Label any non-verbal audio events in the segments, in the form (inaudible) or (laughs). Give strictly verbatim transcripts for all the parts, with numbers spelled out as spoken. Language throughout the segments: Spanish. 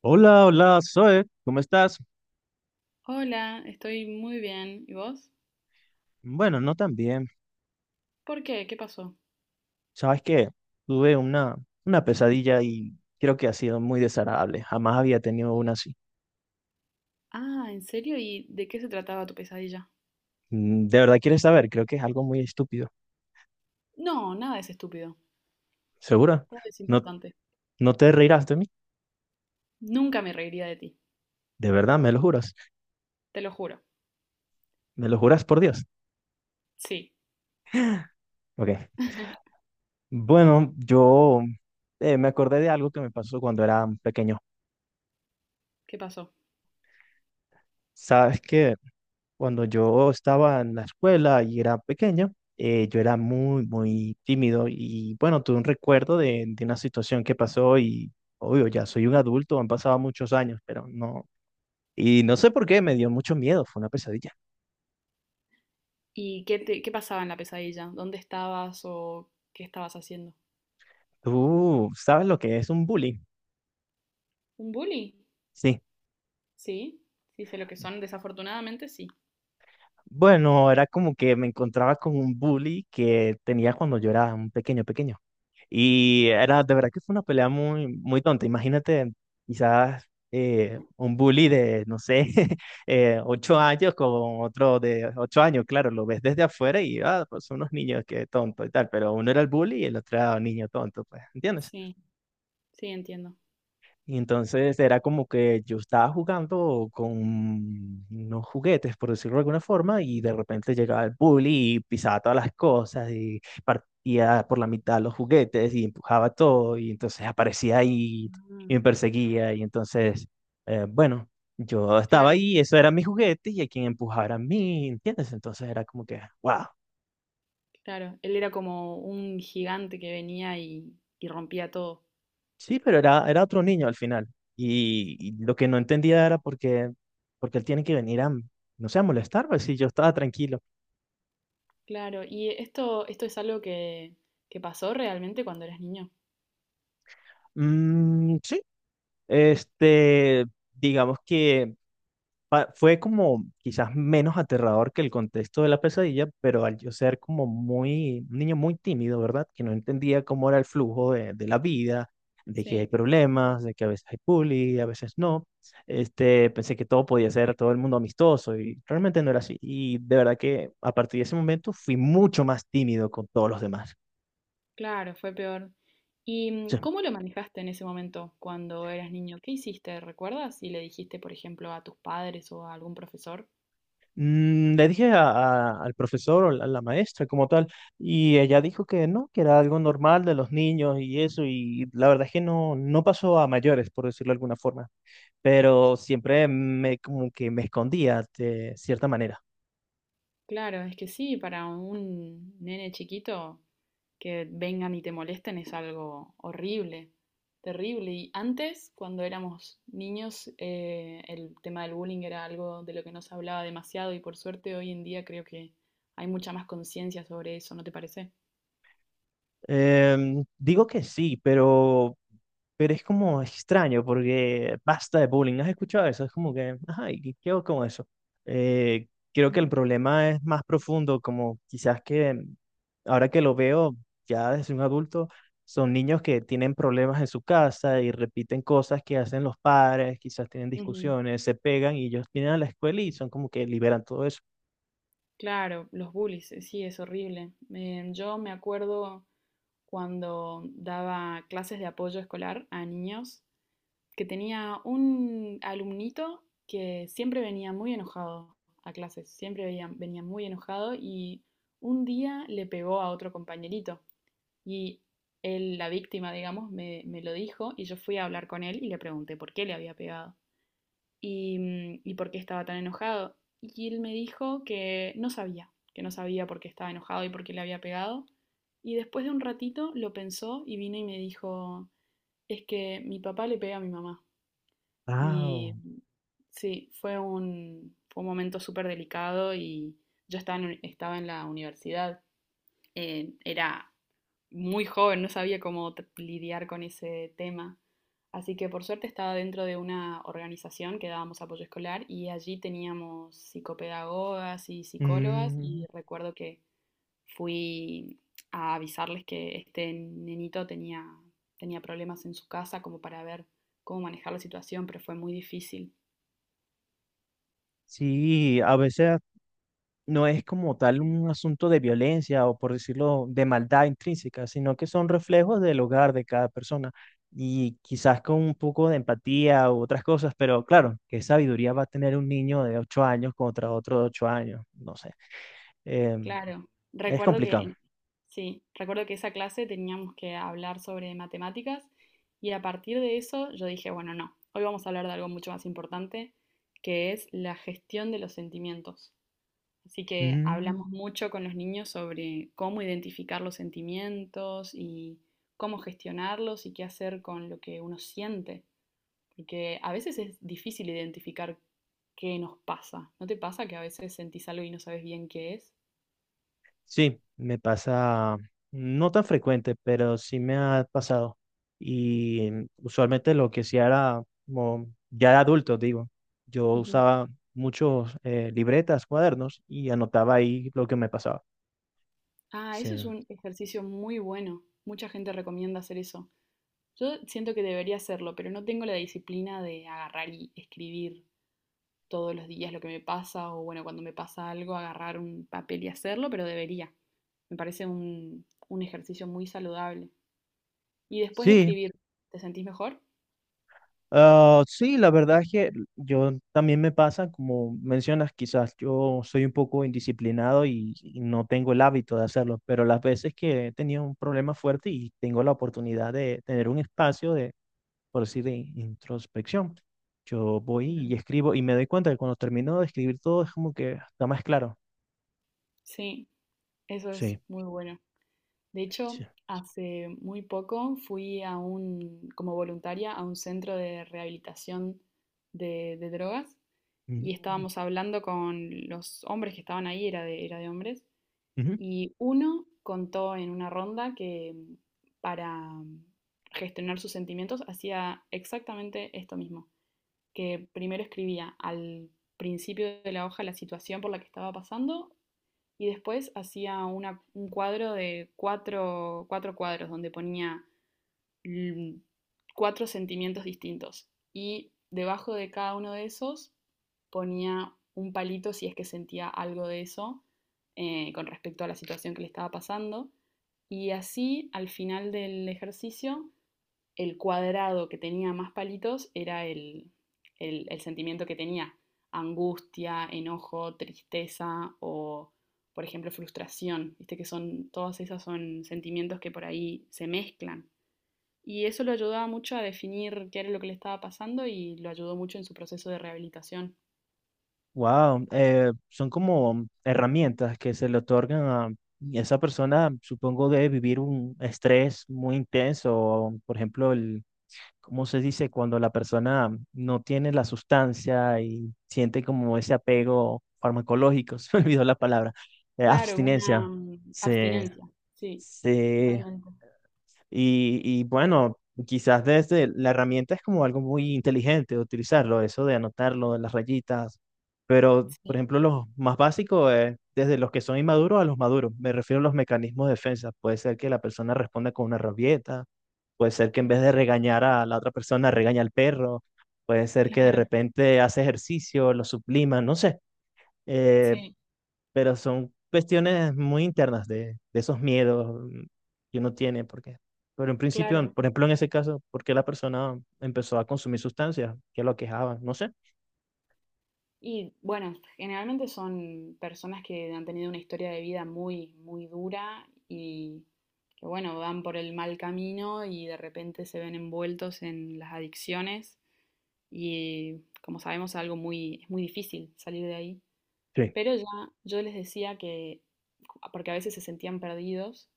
Hola, hola, Zoe, ¿cómo estás? Hola, estoy muy bien. ¿Y vos? Bueno, no tan bien. ¿Por qué? ¿Qué pasó? Sabes que tuve una, una pesadilla y creo que ha sido muy desagradable. Jamás había tenido una así. Ah, ¿en serio? ¿Y de qué se trataba tu pesadilla? Mm, ¿De verdad quieres saber? Creo que es algo muy estúpido. No, nada es estúpido. ¿Segura? Todo es ¿No, importante. no te reirás de mí? Nunca me reiría de ti, ¿De verdad? ¿Me lo juras? te lo juro. ¿Me lo juras por Dios? Sí. Ok. (laughs) Bueno, yo eh, me acordé de algo que me pasó cuando era pequeño. ¿Qué pasó? ¿Sabes qué? Cuando yo estaba en la escuela y era pequeño, eh, yo era muy, muy tímido y bueno, tuve un recuerdo de, de una situación que pasó y obvio, ya soy un adulto, han pasado muchos años, pero no. Y no sé por qué, me dio mucho miedo, fue una pesadilla. ¿Y qué te, qué pasaba en la pesadilla? ¿Dónde estabas o qué estabas haciendo? ¿Tú sabes lo que es un bully? ¿Un bully? Sí. Sí, sí, sé lo que son. Desafortunadamente, sí. Bueno, era como que me encontraba con un bully que tenía cuando yo era un pequeño, pequeño. Y era, de verdad que fue una pelea muy, muy tonta. Imagínate, quizás eh, un bully de, no sé, (laughs) eh, ocho años con otro de ocho años. Claro, lo ves desde afuera y, ah, pues son unos niños que tonto y tal, pero uno era el bully y el otro era un niño tonto, pues, ¿entiendes? Sí, sí, entiendo. Y entonces era como que yo estaba jugando con unos juguetes, por decirlo de alguna forma, y de repente llegaba el bully y pisaba todas las cosas y partía por la mitad los juguetes y empujaba todo y entonces aparecía ahí y Ah, me perseguía y entonces, eh, bueno, yo estaba claro, ahí, eso era mi juguete y a quien empujara a mí, ¿entiendes? Entonces era como que, wow. claro. Él era como un gigante que venía y, y rompía todo. Sí, pero era, era otro niño al final. Y, y lo que no entendía era por qué, porque él tiene que venir a, no sé, a molestar, pues si yo estaba tranquilo. Claro, y esto, esto es algo que, que pasó realmente cuando eras niño. Mm, sí, este, digamos que pa- fue como quizás menos aterrador que el contexto de la pesadilla, pero al yo ser como muy, un niño muy tímido, ¿verdad? Que no entendía cómo era el flujo de, de la vida, de que hay Sí. problemas, de que a veces hay bullying, a veces no. Este, pensé que todo podía ser todo el mundo amistoso y realmente no era así. Y de verdad que a partir de ese momento fui mucho más tímido con todos los demás. Claro, fue peor. ¿Y mm, cómo lo manejaste en ese momento cuando eras niño? ¿Qué hiciste? ¿Recuerdas? Si le dijiste, por ejemplo, a tus padres o a algún profesor. Mm, Le dije a- a- al profesor o la- a la maestra como tal, y ella dijo que no, que era algo normal de los niños y eso, y la verdad es que no, no pasó a mayores, por decirlo de alguna forma, pero siempre me, como que me escondía de cierta manera. Claro, es que sí, para un nene chiquito que vengan y te molesten es algo horrible, terrible. Y antes, cuando éramos niños, eh, el tema del bullying era algo de lo que no se hablaba demasiado y por suerte hoy en día creo que hay mucha más conciencia sobre eso, ¿no te parece? Em, digo que sí, pero, pero es como extraño porque basta de bullying. ¿No ¿Has escuchado eso? Es como que, ajá, ¿y qué qué hago con eso? Eh, creo que el Ujú. problema es más profundo, como quizás que ahora que lo veo ya desde un adulto, son niños que tienen problemas en su casa y repiten cosas que hacen los padres, quizás tienen Ujú. discusiones, se pegan y ellos vienen a la escuela y son como que liberan todo eso. Claro, los bullies, eh, sí, es horrible. Eh, yo me acuerdo cuando daba clases de apoyo escolar a niños que tenía un alumnito que siempre venía muy enojado a clases, siempre venía, venía muy enojado y un día le pegó a otro compañerito y él, la víctima, digamos, me, me lo dijo y yo fui a hablar con él y le pregunté por qué le había pegado y, mm, y por qué estaba tan enojado. Y él me dijo que no sabía, que no sabía por qué estaba enojado y por qué le había pegado. Y después de un ratito lo pensó y vino y me dijo, es que mi papá le pega a mi mamá. Y Wow. mm, sí, fue un, fue un momento súper delicado y yo estaba en, estaba en la universidad. Eh, era muy joven, no sabía cómo tr- lidiar con ese tema. Así que por suerte estaba dentro de una organización que dábamos apoyo escolar y allí teníamos psicopedagogas y psicólogas Mm, y recuerdo que fui a avisarles que este nenito tenía, tenía problemas en su casa como para ver cómo manejar la situación, pero fue muy difícil. sí, a veces. No es como tal un asunto de violencia o por decirlo de maldad intrínseca, sino que son reflejos del hogar de cada persona y quizás con un poco de empatía u otras cosas, pero claro, qué sabiduría va a tener un niño de ocho años contra otro de ocho años, no sé. Em, Claro, es recuerdo que, complicado. en- sí, recuerdo que esa clase teníamos que hablar sobre matemáticas y a partir de eso yo dije, bueno, no, hoy vamos a hablar de algo mucho más importante, que es la gestión de los sentimientos. Así que Mm. hablamos mucho con los niños sobre cómo identificar los sentimientos y cómo gestionarlos y qué hacer con lo que uno siente. Porque a veces es difícil identificar qué nos pasa. ¿No te pasa que a veces sentís algo y no sabes bien qué es? Sí, me pasa no tan frecuente, pero sí me ha pasado. Y mm, usualmente lo que sí era, como ya de adulto, digo, yo Ujú. usaba muchos eh, libretas, cuadernos y anotaba ahí lo que me pasaba. Ah, eso Sí. es un ejercicio muy bueno. Mucha gente recomienda hacer eso. Yo siento que debería hacerlo, pero no tengo la disciplina de agarrar y escribir todos los días lo que me pasa o bueno, cuando me pasa algo, agarrar un papel y hacerlo, pero debería. Me parece un, un ejercicio muy saludable. Y después de Sí, escribir, ¿te sentís mejor? ah, sí, la verdad es que yo también me pasa, como mencionas, quizás yo soy un poco indisciplinado y, y no tengo el hábito de hacerlo, pero las veces que he tenido un problema fuerte y tengo la oportunidad de tener un espacio de por decir, de introspección. Yo voy y Claro. escribo y me doy cuenta que cuando termino de escribir todo es como que está más claro. Sí, eso es Sí. muy bueno. De hecho, Sí. hace muy poco fui a un, como voluntaria a un centro de rehabilitación de, de drogas y estábamos hablando con los hombres que estaban ahí, era de, era de hombres. Y uno contó en una ronda que mm, para mm, gestionar sus sentimientos hacía exactamente esto mismo, que primero escribía al principio de la hoja la situación por la que estaba pasando y después hacía una- un cuadro de cuatro, cuatro cuadros donde ponía cuatro sentimientos distintos y debajo de cada uno de esos ponía un palito si es que sentía algo de eso eh, con respecto a la situación que le estaba pasando. Y así, al final del ejercicio, el cuadrado que tenía más palitos era el, el, el sentimiento que tenía. Angustia, enojo, tristeza o, por ejemplo, frustración. Viste que son, todas esas son sentimientos que por ahí se mezclan y eso lo ayudaba mucho a definir qué era lo que le estaba pasando y lo ayudó mucho en su proceso de rehabilitación. Wow. Son como herramientas que se le otorgan a esa persona, supongo, de vivir un estrés muy intenso. O, por ejemplo, el, ¿cómo se dice? Cuando la persona no tiene la sustancia y siente como ese apego farmacológico, (laughs) se me olvidó la palabra, eh, Claro, una abstinencia. mm, Sí. abstinencia, sí, Sí, totalmente. y, y bueno, quizás desde la herramienta es como algo muy inteligente utilizarlo, eso de anotarlo las rayitas, pero por Sí, ejemplo, los más básicos es desde los que son inmaduros a los maduros, me refiero a los mecanismos de defensa, puede ser que la persona responda con una rabieta, puede ser que en vez de regañar a la otra persona regaña al perro, puede ser que de claro, repente hace ejercicio, lo sublima, no sé, eh, sí, pero son cuestiones muy internas de, de esos miedos mm, que uno tiene, porque, pero en principio, claro. por ejemplo, en ese caso, ¿por qué la persona empezó a consumir sustancias que lo aquejaban? No sé. Y bueno, generalmente son personas que han tenido una historia de vida muy, muy dura y que bueno, van por el mal camino y de repente se ven envueltos en las adicciones y como sabemos es algo muy, es muy difícil salir de ahí. Sí. Pero ya yo les decía que, porque a veces se sentían perdidos,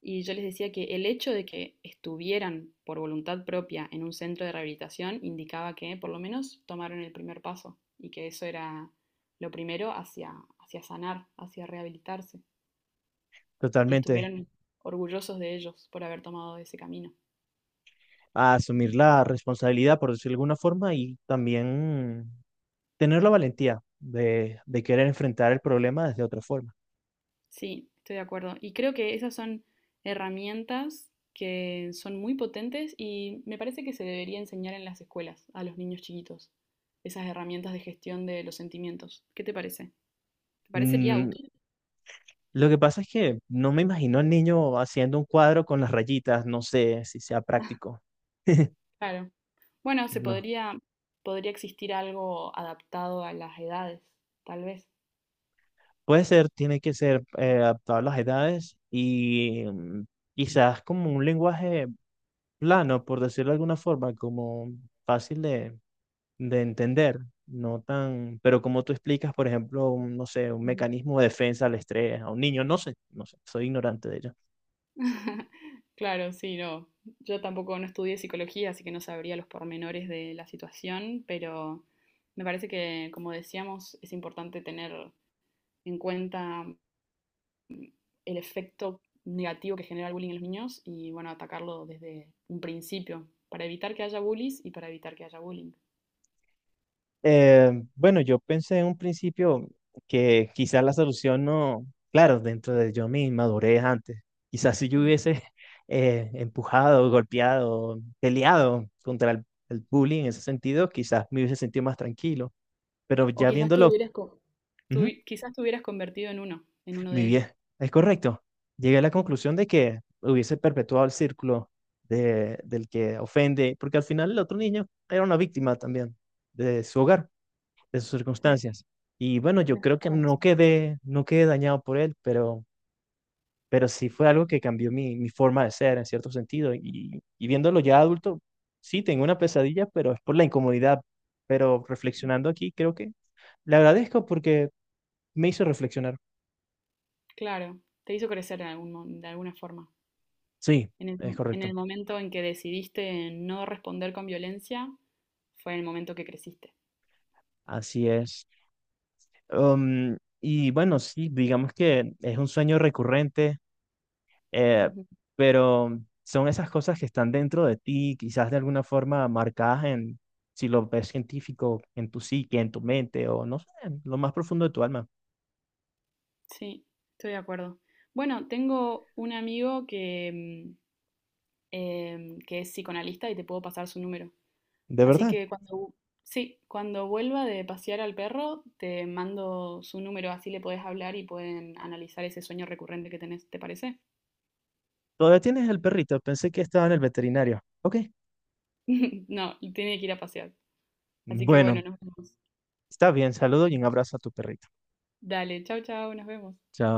y yo les decía que el hecho de que estuvieran por voluntad propia en un centro de rehabilitación indicaba que por lo menos tomaron el primer paso y que eso era lo primero hacia, hacia sanar, hacia rehabilitarse, que Totalmente. estuvieran orgullosos de ellos por haber tomado ese camino. A asumir la responsabilidad, por decirlo de alguna forma, y también mm, tener la valentía de, de querer enfrentar el problema desde otra forma. Sí, estoy de acuerdo. Y creo que esas son herramientas que son muy potentes y me parece que se debería enseñar en las escuelas a los niños chiquitos, esas herramientas de gestión de los sentimientos. ¿Qué te parece? ¿Te parecería Mm, útil? lo que pasa es que no me imagino al niño haciendo un cuadro con las rayitas, no sé si sea (laughs) práctico. (laughs) Claro. Bueno, se No, podría, podría existir algo adaptado a las edades, tal vez. puede ser, tiene que ser eh, adaptado a las edades y mm, quizás como un lenguaje plano, por decirlo de alguna forma, como fácil de, de entender, no tan, pero como tú explicas, por ejemplo, un, no sé, un mecanismo de defensa al estrés a un niño, no sé, no sé, soy ignorante de ello. (laughs) Claro, sí, no. Yo tampoco no estudié psicología, así que no sabría los pormenores de la situación, pero me parece que, como decíamos, es importante tener en cuenta el efecto negativo que genera el bullying en los niños y, bueno, atacarlo desde un principio para evitar que haya bullies y para evitar que haya bullying. Eh, bueno, yo pensé en un principio que quizás la solución no, claro, dentro de yo mi inmadurez antes, quizás si yo Ujú. hubiese (laughs) eh, empujado, golpeado, peleado contra el, el bullying en ese sentido, quizás me hubiese sentido más tranquilo, pero O ya quizás te viéndolo, hubieras... co- Tú, ujú, quizás te hubieras convertido en uno, en uno mi de bien, ellos. es correcto. Llegué a la Ujú. conclusión de que hubiese perpetuado el círculo de, del que ofende, porque al final el otro niño era una víctima también de su hogar, de sus Tenés, circunstancias. Y bueno, yo tenés creo toda que la no razón. quedé, no quedé dañado por él, pero, pero sí fue algo que cambió mi, mi forma de ser en cierto sentido. Y, y viéndolo ya adulto, sí, tengo una pesadilla, pero es por la incomodidad. Pero Ujú. reflexionando aquí, creo que le agradezco porque me hizo reflexionar. Claro, te hizo crecer de algún mo- de alguna forma. Sí, En el, es en correcto. el momento en que decidiste no responder con violencia, fue el momento que creciste. Así es. Um, y bueno, sí, digamos que es un sueño recurrente, Eh, Ujú. pero son esas cosas que están dentro de ti, quizás de alguna forma marcadas en, si lo ves científico, en tu psique, en tu mente o no sé, en lo más profundo de tu alma. Sí, estoy de acuerdo. Bueno, tengo un amigo que, mm, em, que es psicoanalista y te puedo pasar su número. De Así verdad. que cuando, vu- sí, cuando vuelva de pasear al perro, te mando su número, así le podés hablar y pueden analizar ese sueño recurrente que tenés, ¿te parece? Todavía tienes el perrito. Pensé que estaba en el veterinario. Ok. (laughs) No, tiene que ir a pasear. Así que bueno, Bueno, nos vemos. está bien. Saludo y un abrazo a tu perrito. Dale, chau, chau, nos vemos. Chao.